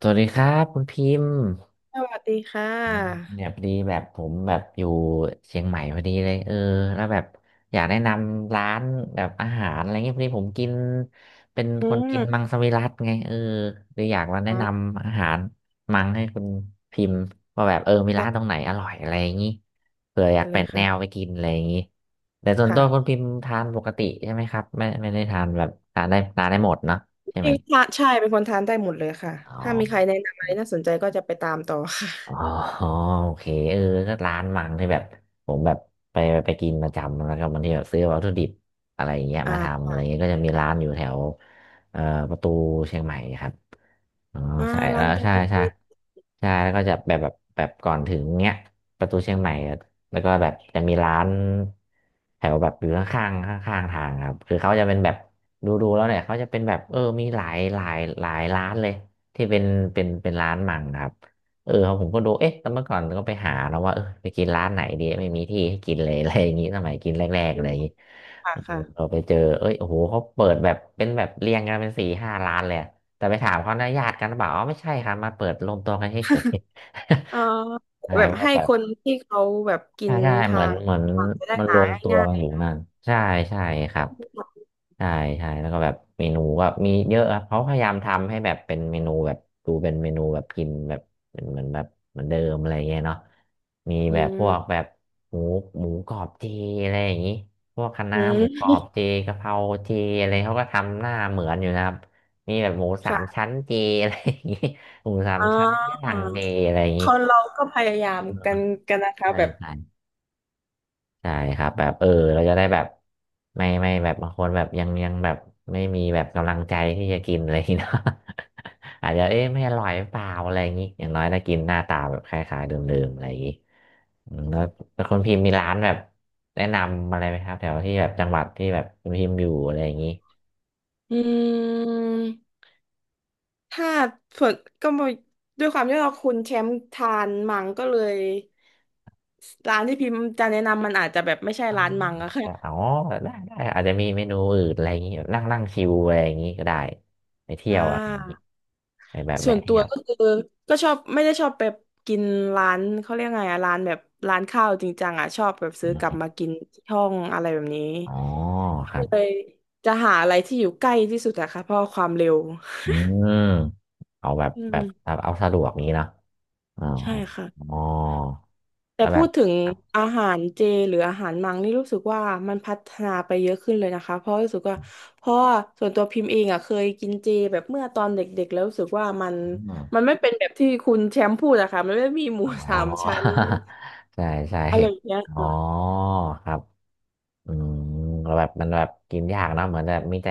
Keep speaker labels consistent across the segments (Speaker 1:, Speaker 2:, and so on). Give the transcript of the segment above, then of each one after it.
Speaker 1: สวัสดีครับคุณพิมพ์
Speaker 2: สวัสดีค่ะ
Speaker 1: เนี่ยพอดีแบบผมแบบอยู่เชียงใหม่พอดีเลยแล้วแบบอยากแนะนำร้านแบบอาหารอะไรเงี้ยพอดีผมกินเป็น
Speaker 2: อื
Speaker 1: คนกินมั
Speaker 2: ม
Speaker 1: งสวิรัติไงเลยอยากมาแนะ
Speaker 2: ค่ะ
Speaker 1: นำอาหารมังให้คุณพิมพ์ว่าแบบมีร้าน
Speaker 2: ได
Speaker 1: ตรงไหนอร่อยอะไรอย่างงี้เผื่อ
Speaker 2: ้
Speaker 1: อยาก
Speaker 2: เล
Speaker 1: เป็
Speaker 2: ย
Speaker 1: นแนว
Speaker 2: ค่ะ
Speaker 1: ไปกินอะไรอย่างงี้แต่ส่วนตัวคุณ
Speaker 2: ค่ะ
Speaker 1: พิมพ์ทานปกติใช่ไหมครับไม่ได้ทานแบบทานได้หมดเนาะใช่
Speaker 2: จ
Speaker 1: ไหม
Speaker 2: ริงๆค่ะใช่เป็นคนทานได้หมดเลยค่ะ
Speaker 1: อ๋อ
Speaker 2: ถ้ามีใครแนะนำอะไรน่าสนใจก็จะไปตามต่อค่ะ
Speaker 1: อ๋อโอเคเออก็ร้านมังที่แบบผมแบบไปไปกินประจำแล้วก็บางทีแบบซื้อวัตถุดิบอะไรอย่างเงี้ย
Speaker 2: อ่
Speaker 1: มาทำอะ
Speaker 2: า
Speaker 1: ไรเงี้ยก็จะมีร้านอยู่แถวเอ่อประตูเชียงใหม่ครับ อ๋อ
Speaker 2: อ่า
Speaker 1: ใส่
Speaker 2: ร้า
Speaker 1: แล้
Speaker 2: น
Speaker 1: ว
Speaker 2: ตรง
Speaker 1: ใช่
Speaker 2: ประ
Speaker 1: ใช่
Speaker 2: ตู
Speaker 1: ใช่แล้วก็จะแบบก่อนถึงเนี้ยประตูเชียงใหม่อะแล้วก็แบบจะมีร้านแถวแบบอยู่ข้างทางครับคือเขาจะเป็นแบบดูแล้วเนี่ยเขาจะเป็นแบบมีหลายร้านเลยที่เป็นเป็นร้านมังครับเออผมก็ดูเอ๊ะแต่เมื่อก่อนก็ไปหาแล้วว่าไปกินร้านไหนดีไม่มีที่ให้กินเลย อะไรอย่างงี้สมัยกินแรกๆอะไรอย่างงี้
Speaker 2: ค่ะ
Speaker 1: เออ
Speaker 2: ค่ะ
Speaker 1: เราไปเจอเอ้ยโอ้โหเขาเปิดแบบเป็นแบบเรียงกันเป็นสี่ห้าร้านเลยอะ แต่ไปถามเขานะญาติกันหรือเปล่าอ๋อไม่ใช่ครับมาเปิดรวมตัวกันเฉย
Speaker 2: เอ่อ
Speaker 1: ๆ อะ
Speaker 2: แบบ
Speaker 1: ว่า
Speaker 2: ให้
Speaker 1: แบ
Speaker 2: ค
Speaker 1: บ
Speaker 2: นที่เขาแบบกิ
Speaker 1: ใช่
Speaker 2: น
Speaker 1: ใช่เห
Speaker 2: ทา
Speaker 1: มือน
Speaker 2: ง
Speaker 1: เหมือน
Speaker 2: จะได้
Speaker 1: มันร
Speaker 2: หา
Speaker 1: วมตัว
Speaker 2: ง่า
Speaker 1: กัน
Speaker 2: ย
Speaker 1: อยู่นั่นใช่ใช่ครับ ใช่ใช่แล้วก็แบบเมนูก็มีเยอะครับเขาพยายามทำให้แบบเป็นเมนูแบบดูเป็นเมนูแบบกินแบบเป็นเหมือนแบบเหมือนเดิมอะไรเงี้ยเนาะมี
Speaker 2: ๆอื
Speaker 1: แบบพ
Speaker 2: ม
Speaker 1: วกแบบหมูหมูกรอบเจอะไรอย่างงี้พวกคะ
Speaker 2: อ
Speaker 1: น้าหมูกรอ
Speaker 2: ืม
Speaker 1: บเจกะเพราเจอะไรเขาก็ทำหน้าเหมือนอยู่นะครับมีแบบหมูสาม
Speaker 2: ค่ะ
Speaker 1: ชั้นเจอะไรอย่างงี้หมูสาม
Speaker 2: อ่
Speaker 1: ชั้นย่า
Speaker 2: า
Speaker 1: งเจอะไรอย่าง
Speaker 2: ค
Speaker 1: งี้
Speaker 2: นเราก็พยายามกันนะคะ
Speaker 1: ใช่
Speaker 2: แบบ
Speaker 1: ใช่ ใช่ครับแบบเราจะได้แบบไม่แบบบางคนแบบยังแบบไม่มีแบบกำลังใจที่จะกินอะไรอย่างงี้ เนาะ อาจจะเอ๊ะไม่อร่อยหรือเปล่าอะไรอย่างงี้อย่างน้อยถ้ากินหน้าตาแบบคล้ายๆเดิมๆอะไรอย่างงี้อืมแล้วคนพิมพ์มีร้านแบบแนะนำอะไรไหมครับแถวที่แบบจังหวัดที่แบบคุณพิมพ์อยู่อะไรอย่างงี้
Speaker 2: อืม ถ้าส่วนก็มด้วยความที่เราคุณแชมป์ทานมังก็เลยร้านที่พิมพ์จะแนะนำมันอาจจะแบบไม่ใช่
Speaker 1: อ๋อ
Speaker 2: ร้านมังอะค่ะ
Speaker 1: อ๋อได้อาจจะมีเมนูอื่นอะไรอย่างงี้นั่งนั่งชิวอะไรอย่างงี้ก็ได้ไปเที่
Speaker 2: อ่
Speaker 1: ยวอะไรอย่างงี้
Speaker 2: า
Speaker 1: ไปแบบ
Speaker 2: ส่
Speaker 1: แวะ
Speaker 2: วนตั
Speaker 1: เที่
Speaker 2: ว
Speaker 1: ยว
Speaker 2: ก็คือก็ชอบไม่ได้ชอบแบบกินร้านเขาเรียกไงอะร้านแบบร้านข้าวจริงจังอะชอบแบบซื้อกลับมากินที่ห้องอะไรแบบนี้
Speaker 1: อ๋อครั
Speaker 2: ก็เล
Speaker 1: บ
Speaker 2: ยจะหาอะไรที่อยู่ใกล้ที่สุดอะค่ะเพราะความเร็ว
Speaker 1: อืมเอาแบบ
Speaker 2: อื
Speaker 1: แบบแบ
Speaker 2: ม
Speaker 1: บเอาสะดวกนี้เนอะอ๋อ
Speaker 2: ใช่ค่ะ
Speaker 1: อ๋อ
Speaker 2: แต่
Speaker 1: แล้วแบ
Speaker 2: พู
Speaker 1: บ
Speaker 2: ดถึง
Speaker 1: ครับ
Speaker 2: อาหารเจหรืออาหารมังนี่รู้สึกว่ามันพัฒนาไปเยอะขึ้นเลยนะคะเพราะรู้สึกว่าเพราะว่าส่วนตัวพิมพ์เองอ่ะเคยกินเจแบบเมื่อตอนเด็กๆแล้วรู้สึกว่ามัน
Speaker 1: อม
Speaker 2: มันไม่เป็นแบบที่คุณแชมป์พูดอะค่ะมันไม่มีหมู
Speaker 1: อ๋อ
Speaker 2: สามชั้น
Speaker 1: ใช่ใช่
Speaker 2: อะไรอย่างเงี้ย
Speaker 1: อ๋อครับอืมแล้วแบบมันแบบกินยากเนอะเหมือนแบบมีแต่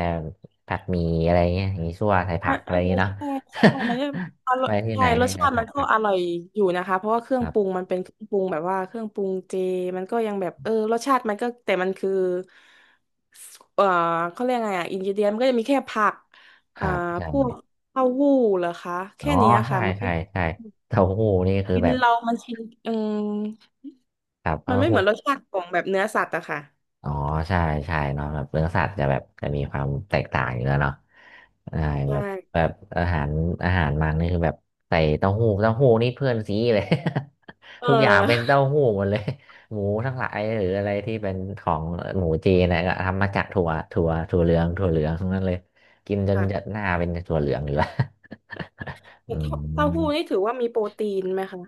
Speaker 1: ผัดหมี่อะไรเงี้ยมีซั่วใส่ผั
Speaker 2: มั
Speaker 1: ก
Speaker 2: น
Speaker 1: อะ
Speaker 2: เอ
Speaker 1: ไร
Speaker 2: อ
Speaker 1: อย่างเงี้ยเนาะ
Speaker 2: ใช่ใช่มันก็อ ร่
Speaker 1: ไป
Speaker 2: อย
Speaker 1: ที่ไห
Speaker 2: ใช่
Speaker 1: น
Speaker 2: รส
Speaker 1: นี่แต่
Speaker 2: ชาติ
Speaker 1: ผั
Speaker 2: มัน
Speaker 1: ก
Speaker 2: ก็
Speaker 1: ผัก
Speaker 2: อร่อยอยู่นะคะเพราะว่าเครื่
Speaker 1: ค
Speaker 2: อง
Speaker 1: รั
Speaker 2: ปรุง
Speaker 1: บ
Speaker 2: มันเป็นเครื่องปรุงแบบว่าเครื่องปรุงเจมันก็ยังแบบเออรสชาติมันก็แต่มันคือเออเขาเรียกไงอ่ะอินกเดียนมันก็จะมีแค่ผัก
Speaker 1: ค
Speaker 2: อ่า
Speaker 1: รับใช่
Speaker 2: พวกเต้าหู้เหรอคะ
Speaker 1: อ๋อ
Speaker 2: แค่เนี้ย
Speaker 1: ใช่
Speaker 2: ค่ะมันไม่
Speaker 1: ใช่ใช่เต้าหู้นี่คือ
Speaker 2: กิน
Speaker 1: แบบ
Speaker 2: เรามันชินเอม
Speaker 1: ครับ
Speaker 2: มั
Speaker 1: เต้า
Speaker 2: นไม่เห
Speaker 1: หู้
Speaker 2: มือนรสชาติของแบบเนื้อสัตว์อะค่ะ
Speaker 1: อ๋อใช่ใช่เนาะแบบเนื้อสัตว์จะแบบจะมีความแตกต่างอยู่แล้วเนาะใช่แบ
Speaker 2: ใช่
Speaker 1: บแบบอาหารอาหารมันนี่คือแบบใส่เต้าหู้เต้าหู้นี่เพื่อนซีเลย
Speaker 2: เอ
Speaker 1: ทุกอย่าง
Speaker 2: อ
Speaker 1: เป็นเต้าหู้หมดเลยหมูทั้งหลายหรืออะไรที่เป็นของหมูจีนนะก็ทำมาจากถั่วถั่วเหลืองถั่วเหลืองทั้งนั้นเลยกินจน
Speaker 2: ค่ะ
Speaker 1: หน้าเป็นถั่วเหลืองอยู่แล้ว อื
Speaker 2: แต่ถ้า
Speaker 1: ม
Speaker 2: เต้าหู้นี่ถือว่ามีโปรตีนไหมคะ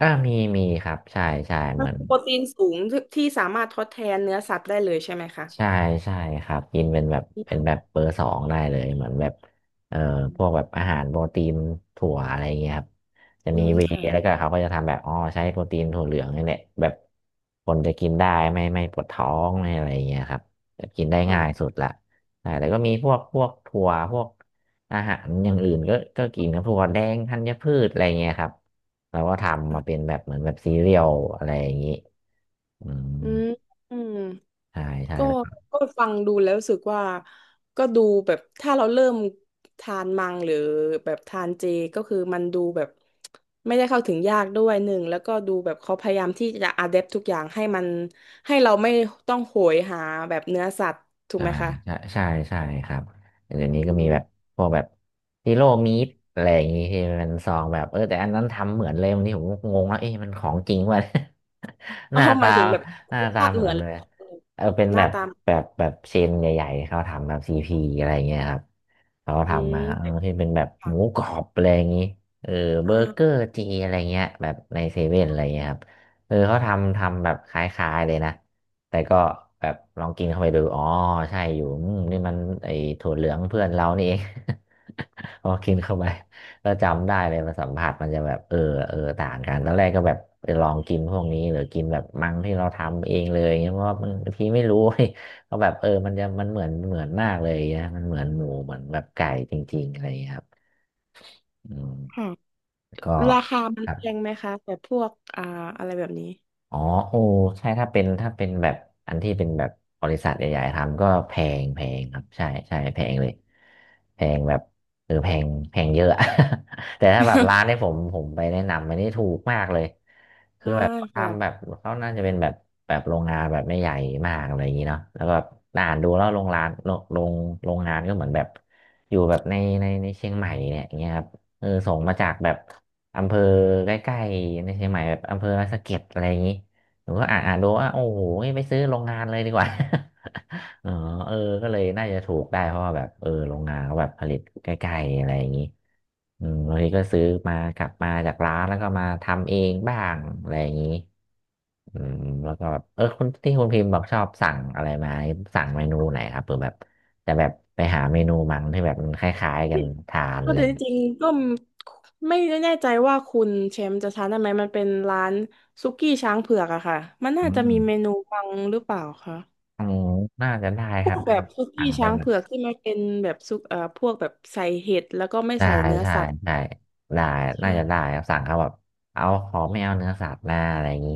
Speaker 1: อ่ามีครับใช่ใช่เห
Speaker 2: มัน
Speaker 1: มือน
Speaker 2: คือโปรตีนสูงที่สามารถทดแทนเนื้อสัตว์ได้เลยใช่ไหมคะ
Speaker 1: ใช่ใช่ครับกินเป็นแบบ
Speaker 2: อื
Speaker 1: เป็นแบบเบ
Speaker 2: ม
Speaker 1: อร์สองได้เลยเหมือนแบบเอ่อพวกแบบอาหารโปรตีนถั่วอะไรอย่างเงี้ยครับจะ
Speaker 2: อื
Speaker 1: มี
Speaker 2: ม
Speaker 1: เวย์แล้วก็
Speaker 2: ค่ะ
Speaker 1: เขาก็จะทำแบบอ๋อใช้โปรตีนถั่วเหลืองนี่แหละแบบคนจะกินได้ไม่ปวดท้องไม่อะไรอย่างเงี้ยครับแบบกินได้ง่ายสุ
Speaker 2: ค่ะ
Speaker 1: ดละใช่แล้วก็มีพวกถั่วพวกอาหารอย่างอื่นก็กินครับถั่วแดงธัญพืชอะไรเงี้ยครับเราก็ทำมาเป็น
Speaker 2: ค่ะ
Speaker 1: แบบเหมือนแบบซีเรียลอะไรอย่างงี้อืม
Speaker 2: อืมอืม
Speaker 1: ใช่ใช่
Speaker 2: ก็ก็ฟังดูแล้วรู้สึกว่าก็ดูแบบถ้าเราเริ่มทานมังหรือแบบทานเจก็คือมันดูแบบไม่ได้เข้าถึงยากด้วยหนึ่งแล้วก็ดูแบบเขาพยายามที่จะอะแดปทุกอย่างให้มันให้เราไม่ต้องโหยหาแบบเนื้อสัตว์ถูก
Speaker 1: ใช่
Speaker 2: ไหมคะ
Speaker 1: ใช่ใช่ใช่ครับเดี๋ยวนี้
Speaker 2: อื
Speaker 1: ก็มี
Speaker 2: ม
Speaker 1: แบบพวกแบบฮีโร่มีดอะไรอย่างงี้ที่มันซองแบบแต่อันนั้นทำเหมือนเลยวันนี้ผมก็งงแล้วเอ๊ะมันของจริงวะ ห
Speaker 2: อ๋อ
Speaker 1: น้า
Speaker 2: หมา
Speaker 1: ตา
Speaker 2: ยถึงแบบ
Speaker 1: หน้า
Speaker 2: รส
Speaker 1: ตา
Speaker 2: ชาติ
Speaker 1: เห
Speaker 2: เห
Speaker 1: มือ
Speaker 2: มื
Speaker 1: น
Speaker 2: อน
Speaker 1: เลยเป็น
Speaker 2: ห
Speaker 1: แบ
Speaker 2: น้า
Speaker 1: บ
Speaker 2: ตา
Speaker 1: เชนใหญ่ๆเขาทำแบบซีพีอะไรอย่างเงี้ยครับเขา
Speaker 2: อื
Speaker 1: ทำ
Speaker 2: ม
Speaker 1: มา
Speaker 2: เป็ด
Speaker 1: ที่เป็นแบบหมู
Speaker 2: ค่ะ
Speaker 1: กรอบอะไรอย่างงี้เออเบ
Speaker 2: อ่
Speaker 1: อร์เกอ
Speaker 2: า
Speaker 1: ร์จีอะไรเงี้ยแบบในเซเว่นอะไรเงี้ยครับเขาทำแบบคล้ายๆเลยนะ แต่ก็แบบลองกินเข้าไปดูอ๋อใช่อยู่อืมนี่มันไอ้ถั่วเหลืองเพื่อนเรานี่เอง พอกินเข้าไปก็จำได้เลยมาสัมผัสมันจะแบบต่างกันตอนแรกก็แบบไปลองกินพวกนี้หรือกินแบบมังที่เราทำเองเลยเงี้ยเพราะว่ามันบางทีไม่รู้ ก็แบบมันจะมันเหมือนมากเลยนะมันเหมือนหมูเหมือนแบบไก่จริงๆอะไรอย่างเงี้ยครับอืม
Speaker 2: ค่ะ
Speaker 1: ก็
Speaker 2: ราคามั
Speaker 1: ค
Speaker 2: น
Speaker 1: รับ
Speaker 2: แพงไหมคะแต่พวกอ่าอะไรแบบนี้
Speaker 1: อ๋อโอ้ใช่ถ้าเป็นแบบอันที่เป็นแบบบริษัทใหญ่ๆทำก็แพงครับใช่ใช่แพงเลยแพงแบบเออแพงแพงเยอะ แต่ถ้าแบบร้านที่ ผมไปแนะนำมันนี่ถูกมากเลยคือ
Speaker 2: อ่า
Speaker 1: แบบทำแบ
Speaker 2: ค่ะ
Speaker 1: บเขาน่าจะเป็นแบบแบบโรงงานแบบไม่ใหญ่มากอะไรอย่างนี้เนาะแล้วก็แบบอ่านดูแล้วโรงงานโรงงานก็เหมือนแบบอยู่แบบในเชียงใหม่เนี่ยอย่างเงี้ยครับส่งมาจากแบบ อำเภอใกล้ๆในเชียงใหม่แบบอำเภอสะเก็ดอะไรอย่างนี้หนูก็อ่านดูว่าโอ้โหไปซื้อโรงงานเลยดีกว่า เออเออก็เลยน่าจะถูกได้เพราะว่าแบบโรงงานเขาแบบผลิตใกล้ๆอะไรอย่างนี้อืมบางทีก็ซื้อมากลับมาจากร้านแล้วก็มาทำเองบ้างอะไรอย่างนี้อืมแล้วก็แบบคุณที่คุณพิมพ์บอกชอบสั่งอะไรมาสั่งเมนูไหนครับเผื่อแบบแต่แบบไปหาเมนูมันที่แบบมันคล้ายๆกันทาน
Speaker 2: เพ
Speaker 1: อะ
Speaker 2: ราะ
Speaker 1: ไรอ
Speaker 2: แต่
Speaker 1: ย่า
Speaker 2: จ
Speaker 1: งงี้
Speaker 2: ริงๆก็ไม่แน่ใจว่าคุณแชมป์จะทานได้ไหมมันเป็นร้านซุกี้ช้างเผือกอะค่ะมัน
Speaker 1: อื
Speaker 2: น่าจะ
Speaker 1: ม
Speaker 2: มีเมนูบังหรือเปล่าคะ
Speaker 1: อ๋อน่าจะได้
Speaker 2: พ
Speaker 1: ค
Speaker 2: ว
Speaker 1: รับ
Speaker 2: กแบ
Speaker 1: น่า
Speaker 2: บ
Speaker 1: จะ
Speaker 2: ซุ
Speaker 1: สั่
Speaker 2: กี้
Speaker 1: งไป
Speaker 2: ช้าง
Speaker 1: แบบ
Speaker 2: เผือกที่มันเป็นแบบซุกพวกแบบใส่เห็ดแล้วก็ไม่
Speaker 1: ใช่
Speaker 2: ใส่เนื้อ
Speaker 1: ใช่
Speaker 2: สัตว์
Speaker 1: ใช่ได้น่าจะได้
Speaker 2: ใช่
Speaker 1: ครับสั่งเขาแบบเอาขอไม่เอาเนื้อสัตว์หน้าอะไรอย่างนี้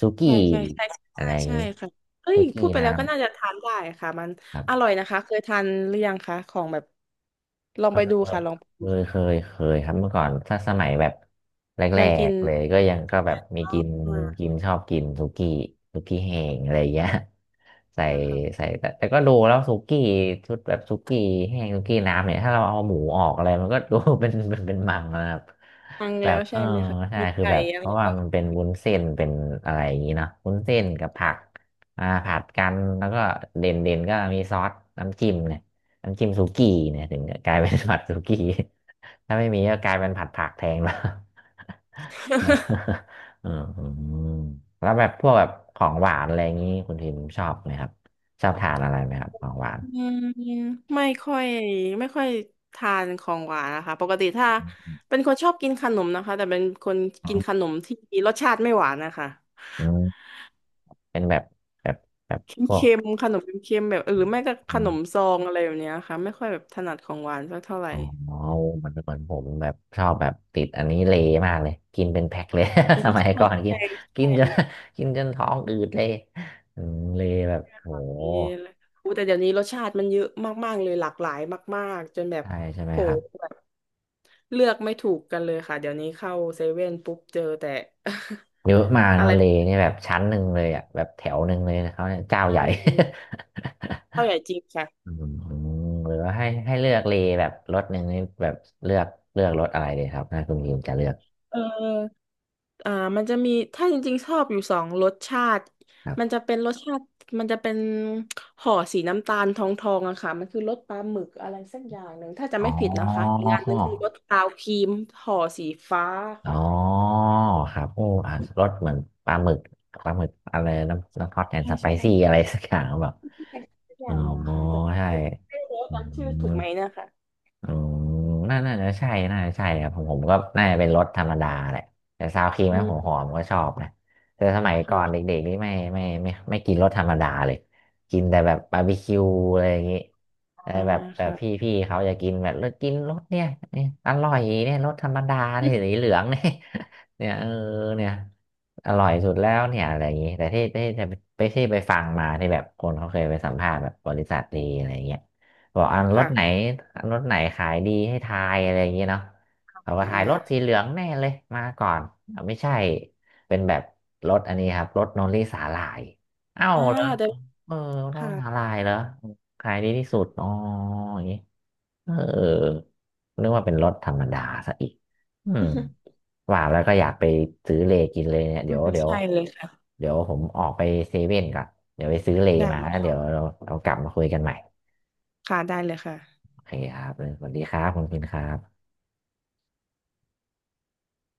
Speaker 1: สุกี้
Speaker 2: ใช่ใช่ใช่
Speaker 1: อะ
Speaker 2: ใช่
Speaker 1: ไรอย่าง
Speaker 2: ใช่
Speaker 1: นี้
Speaker 2: ค่ะเอ้
Speaker 1: สุ
Speaker 2: ย
Speaker 1: กี้
Speaker 2: พูดไปแล้ว
Speaker 1: น้ำ
Speaker 2: ก็น่าจะทานได้ค่ะมัน
Speaker 1: ครั
Speaker 2: อร่
Speaker 1: บ
Speaker 2: อยนะคะเคยทานหรือยังคะของแบบลองไปดูค่ะลองไปดู
Speaker 1: เคยครับเมื่อก่อนถ้าสมัยแบบแร
Speaker 2: ยังกิ
Speaker 1: ก
Speaker 2: น
Speaker 1: ๆเลยก็ยังก็แบบมี
Speaker 2: อ๋อ
Speaker 1: กิน
Speaker 2: มา
Speaker 1: กิ
Speaker 2: ก
Speaker 1: นชอบกินสุกี้สุกี้แห้งอะไรอย่างเงี้ยใส่
Speaker 2: มากค่ะ
Speaker 1: แต่ก็ดูแล้วสุกี้ชุดแบบสุกี้แห้งสุกี้น้ำเนี่ยถ้าเราเอาหมูออกอะไรมันก็ดู เป็นมังนะครับ
Speaker 2: ฟัง
Speaker 1: แบ
Speaker 2: แล้
Speaker 1: บ
Speaker 2: วใช่ไหมคะ
Speaker 1: ใช่
Speaker 2: มี
Speaker 1: คือ
Speaker 2: ไก่
Speaker 1: แบบ
Speaker 2: อะ
Speaker 1: เพ
Speaker 2: ไร
Speaker 1: ราะว่า
Speaker 2: ก็
Speaker 1: มันเป็นวุ้นเส้นเป็นอะไรอย่างงี้เนาะวุ้นเส้นกับผั
Speaker 2: ค่ะ
Speaker 1: กอ่าผัดกันแล้วก็เด่นก็มีซอสน้ำจิ้มเนี่ย น้ำจิ้มสุกี้เนี่ยถึงจะกลายเป็นผัดสุกี้ ถ้าไม่มีก็กลายเป็นผัดผักแทนแล้ว อืมแล้วแบบพวกแบบของหวานอะไรอย่างนี้คุณทิมชอบไหมครับชอบทานอะไรไหมครับของหวาน
Speaker 2: อืมไม่ค่อยไม่ค่อยทานของหวานนะคะปกติถ้าเป็นคนชอบกินขนมนะคะแต่เป็นคนกินขนมที่รสชาติไม่หวานนะคะ
Speaker 1: อืมเป็นแบบแบบแบบ
Speaker 2: เ
Speaker 1: พวก
Speaker 2: ค็มๆขนมเค็มๆแบบเออหรือไม่ก็
Speaker 1: อ
Speaker 2: ขนม
Speaker 1: ม
Speaker 2: ซองอะไรแบบเนี้ยค่ะไม่ค่อยแบบถนัดของหวานสักเท่าไหร่
Speaker 1: อ๋อมันเนเหมือนผมแบบชอบแบบติดอันนี้เลมากเลยกินเป็นแพ็คเลย
Speaker 2: อื
Speaker 1: ส
Speaker 2: ม
Speaker 1: มัย
Speaker 2: ใช่
Speaker 1: ก่อนกิน
Speaker 2: ใช่
Speaker 1: กิน
Speaker 2: ใช่
Speaker 1: จน กินจนท้องอืดเลยอืมเลแบบโห
Speaker 2: มีอะไรอู้แต่เดี๋ยวนี้รสชาติมันเยอะมากๆเลยหลากหลายมากๆจนแบบ
Speaker 1: ใช่ใช่ไหม
Speaker 2: โห
Speaker 1: ครับ
Speaker 2: แบบเลือกไม่ถูกกันเลยค่ะเดี๋ยวนี้เข้าเซเว่นปุ๊บเจอแต่
Speaker 1: เยอะมาก
Speaker 2: อะ
Speaker 1: นะ
Speaker 2: ไร
Speaker 1: เลเนี่ยแบบชั้นหนึ่งเลยอ่ะแบบแถวหนึ่งเลยนะเขาเนี่ย
Speaker 2: ใช
Speaker 1: เจ้าใหญ่
Speaker 2: ่ข้าวใหญ่จริง ค่ะ
Speaker 1: อืมหรือว่าให้เลือกเลแบบรถหนึ่งนี่แบบเลือกเลือกรถอะไรเลยครับถ้าคุณพิมพ์จะเลือก
Speaker 2: เออ อ่ามันจะมีถ้าจริงๆชอบอยู่สองรสชาติ
Speaker 1: ค
Speaker 2: มัน
Speaker 1: รับ
Speaker 2: จะเป็นรสชาติมันจะเป็นห่อสีน้ำตาลทองๆอะค่ะมันคือรสปลาหมึกอะไรสักอย่างหนึ่งถ้าจะ
Speaker 1: อ๋อ
Speaker 2: ไม่ผิดนะคะอีกอันหนึงคือรสซาวครีมห่อสีฟ้า
Speaker 1: อ๋อ
Speaker 2: ค่ะ
Speaker 1: ครับโอ้อ่ะรสเหมือนปลาหมึกปลาหมึกอะไรน้ำฮอตแอนด์
Speaker 2: ใช่
Speaker 1: สไป
Speaker 2: ใช่
Speaker 1: ซี่อะไรสักอย่างหรือเปล่า
Speaker 2: สักอ
Speaker 1: อ๋อ
Speaker 2: ย่างหนึงอะค่ะจะ
Speaker 1: ใช่
Speaker 2: ไม่รู้ว่า
Speaker 1: อื
Speaker 2: จำชื่อ
Speaker 1: ม
Speaker 2: ถูกไหมนะคะ
Speaker 1: อ๋อน่าจะใช่น่าจะใช่ครับผมก็น่าจะเป็นรถธรรมดาแหละแต่ซาวครีม
Speaker 2: อื
Speaker 1: ไผม
Speaker 2: ม
Speaker 1: หอมก็ชอบนะแต่สมัยก่อน
Speaker 2: ค่ะ
Speaker 1: เด็กๆนี่ไม่กินรสธรรมดาเลยกินแต่แบบบาร์บีคิวอะไรอย่างงี้แต่
Speaker 2: อ่า
Speaker 1: แบบแบบ
Speaker 2: ค่ะ
Speaker 1: พี่เขาจะกินแบบเลิกกินรสเนี่ยเนี่ยอร่อยเนี่ยรสธรรมดาเนี่ยสีเหลืองเนี่ย เนี่ยเนี่ยอร่อยสุดแล้วเนี่ยอะไรอย่างงี้แต่ที่จะไปฟังมาที่แบบคนเขาเคยไปสัมภาษณ์แบบบริษัทดีอะไรอย่างเงี้ย บอกอันรถ
Speaker 2: ค่ะ
Speaker 1: ไหนอันรถไหนขายดีให้ทายอะไรอย่างเงี้ยเนาะเขาก็
Speaker 2: อ่
Speaker 1: ทายรถสีเห
Speaker 2: า
Speaker 1: ลืองแน่เลยมาก่อนอ่ะไม่ใช่เป็นแบบรถอันนี้ครับรถโนริสาหร่ายเอ้า
Speaker 2: อ่า
Speaker 1: เหรอ
Speaker 2: เดี๋ยว
Speaker 1: เออรถ
Speaker 2: ค่ะ
Speaker 1: สาหร่ายเหรอขายดีที่สุดอ๋ออย่างงี้เออนึกว่าเป็นรถธรรมดาซะอีกอืมว่าแล้วก็อยากไปซื้อเลกินเลยเนี่ยเดี๋ยวเดี๋ ยว
Speaker 2: ใช่เลยค่ะ
Speaker 1: เดี๋ยวผมออกไปเซเว่นก่อนเดี๋ยวไปซื้อเล
Speaker 2: ได้
Speaker 1: มาแล้วเดี๋ยว
Speaker 2: ค่ะ
Speaker 1: เรากลับมาคุยกันใหม่
Speaker 2: ค่ะได้เลยค่ะ
Speaker 1: โอเคครับสวัสดีครับคุณพินครับ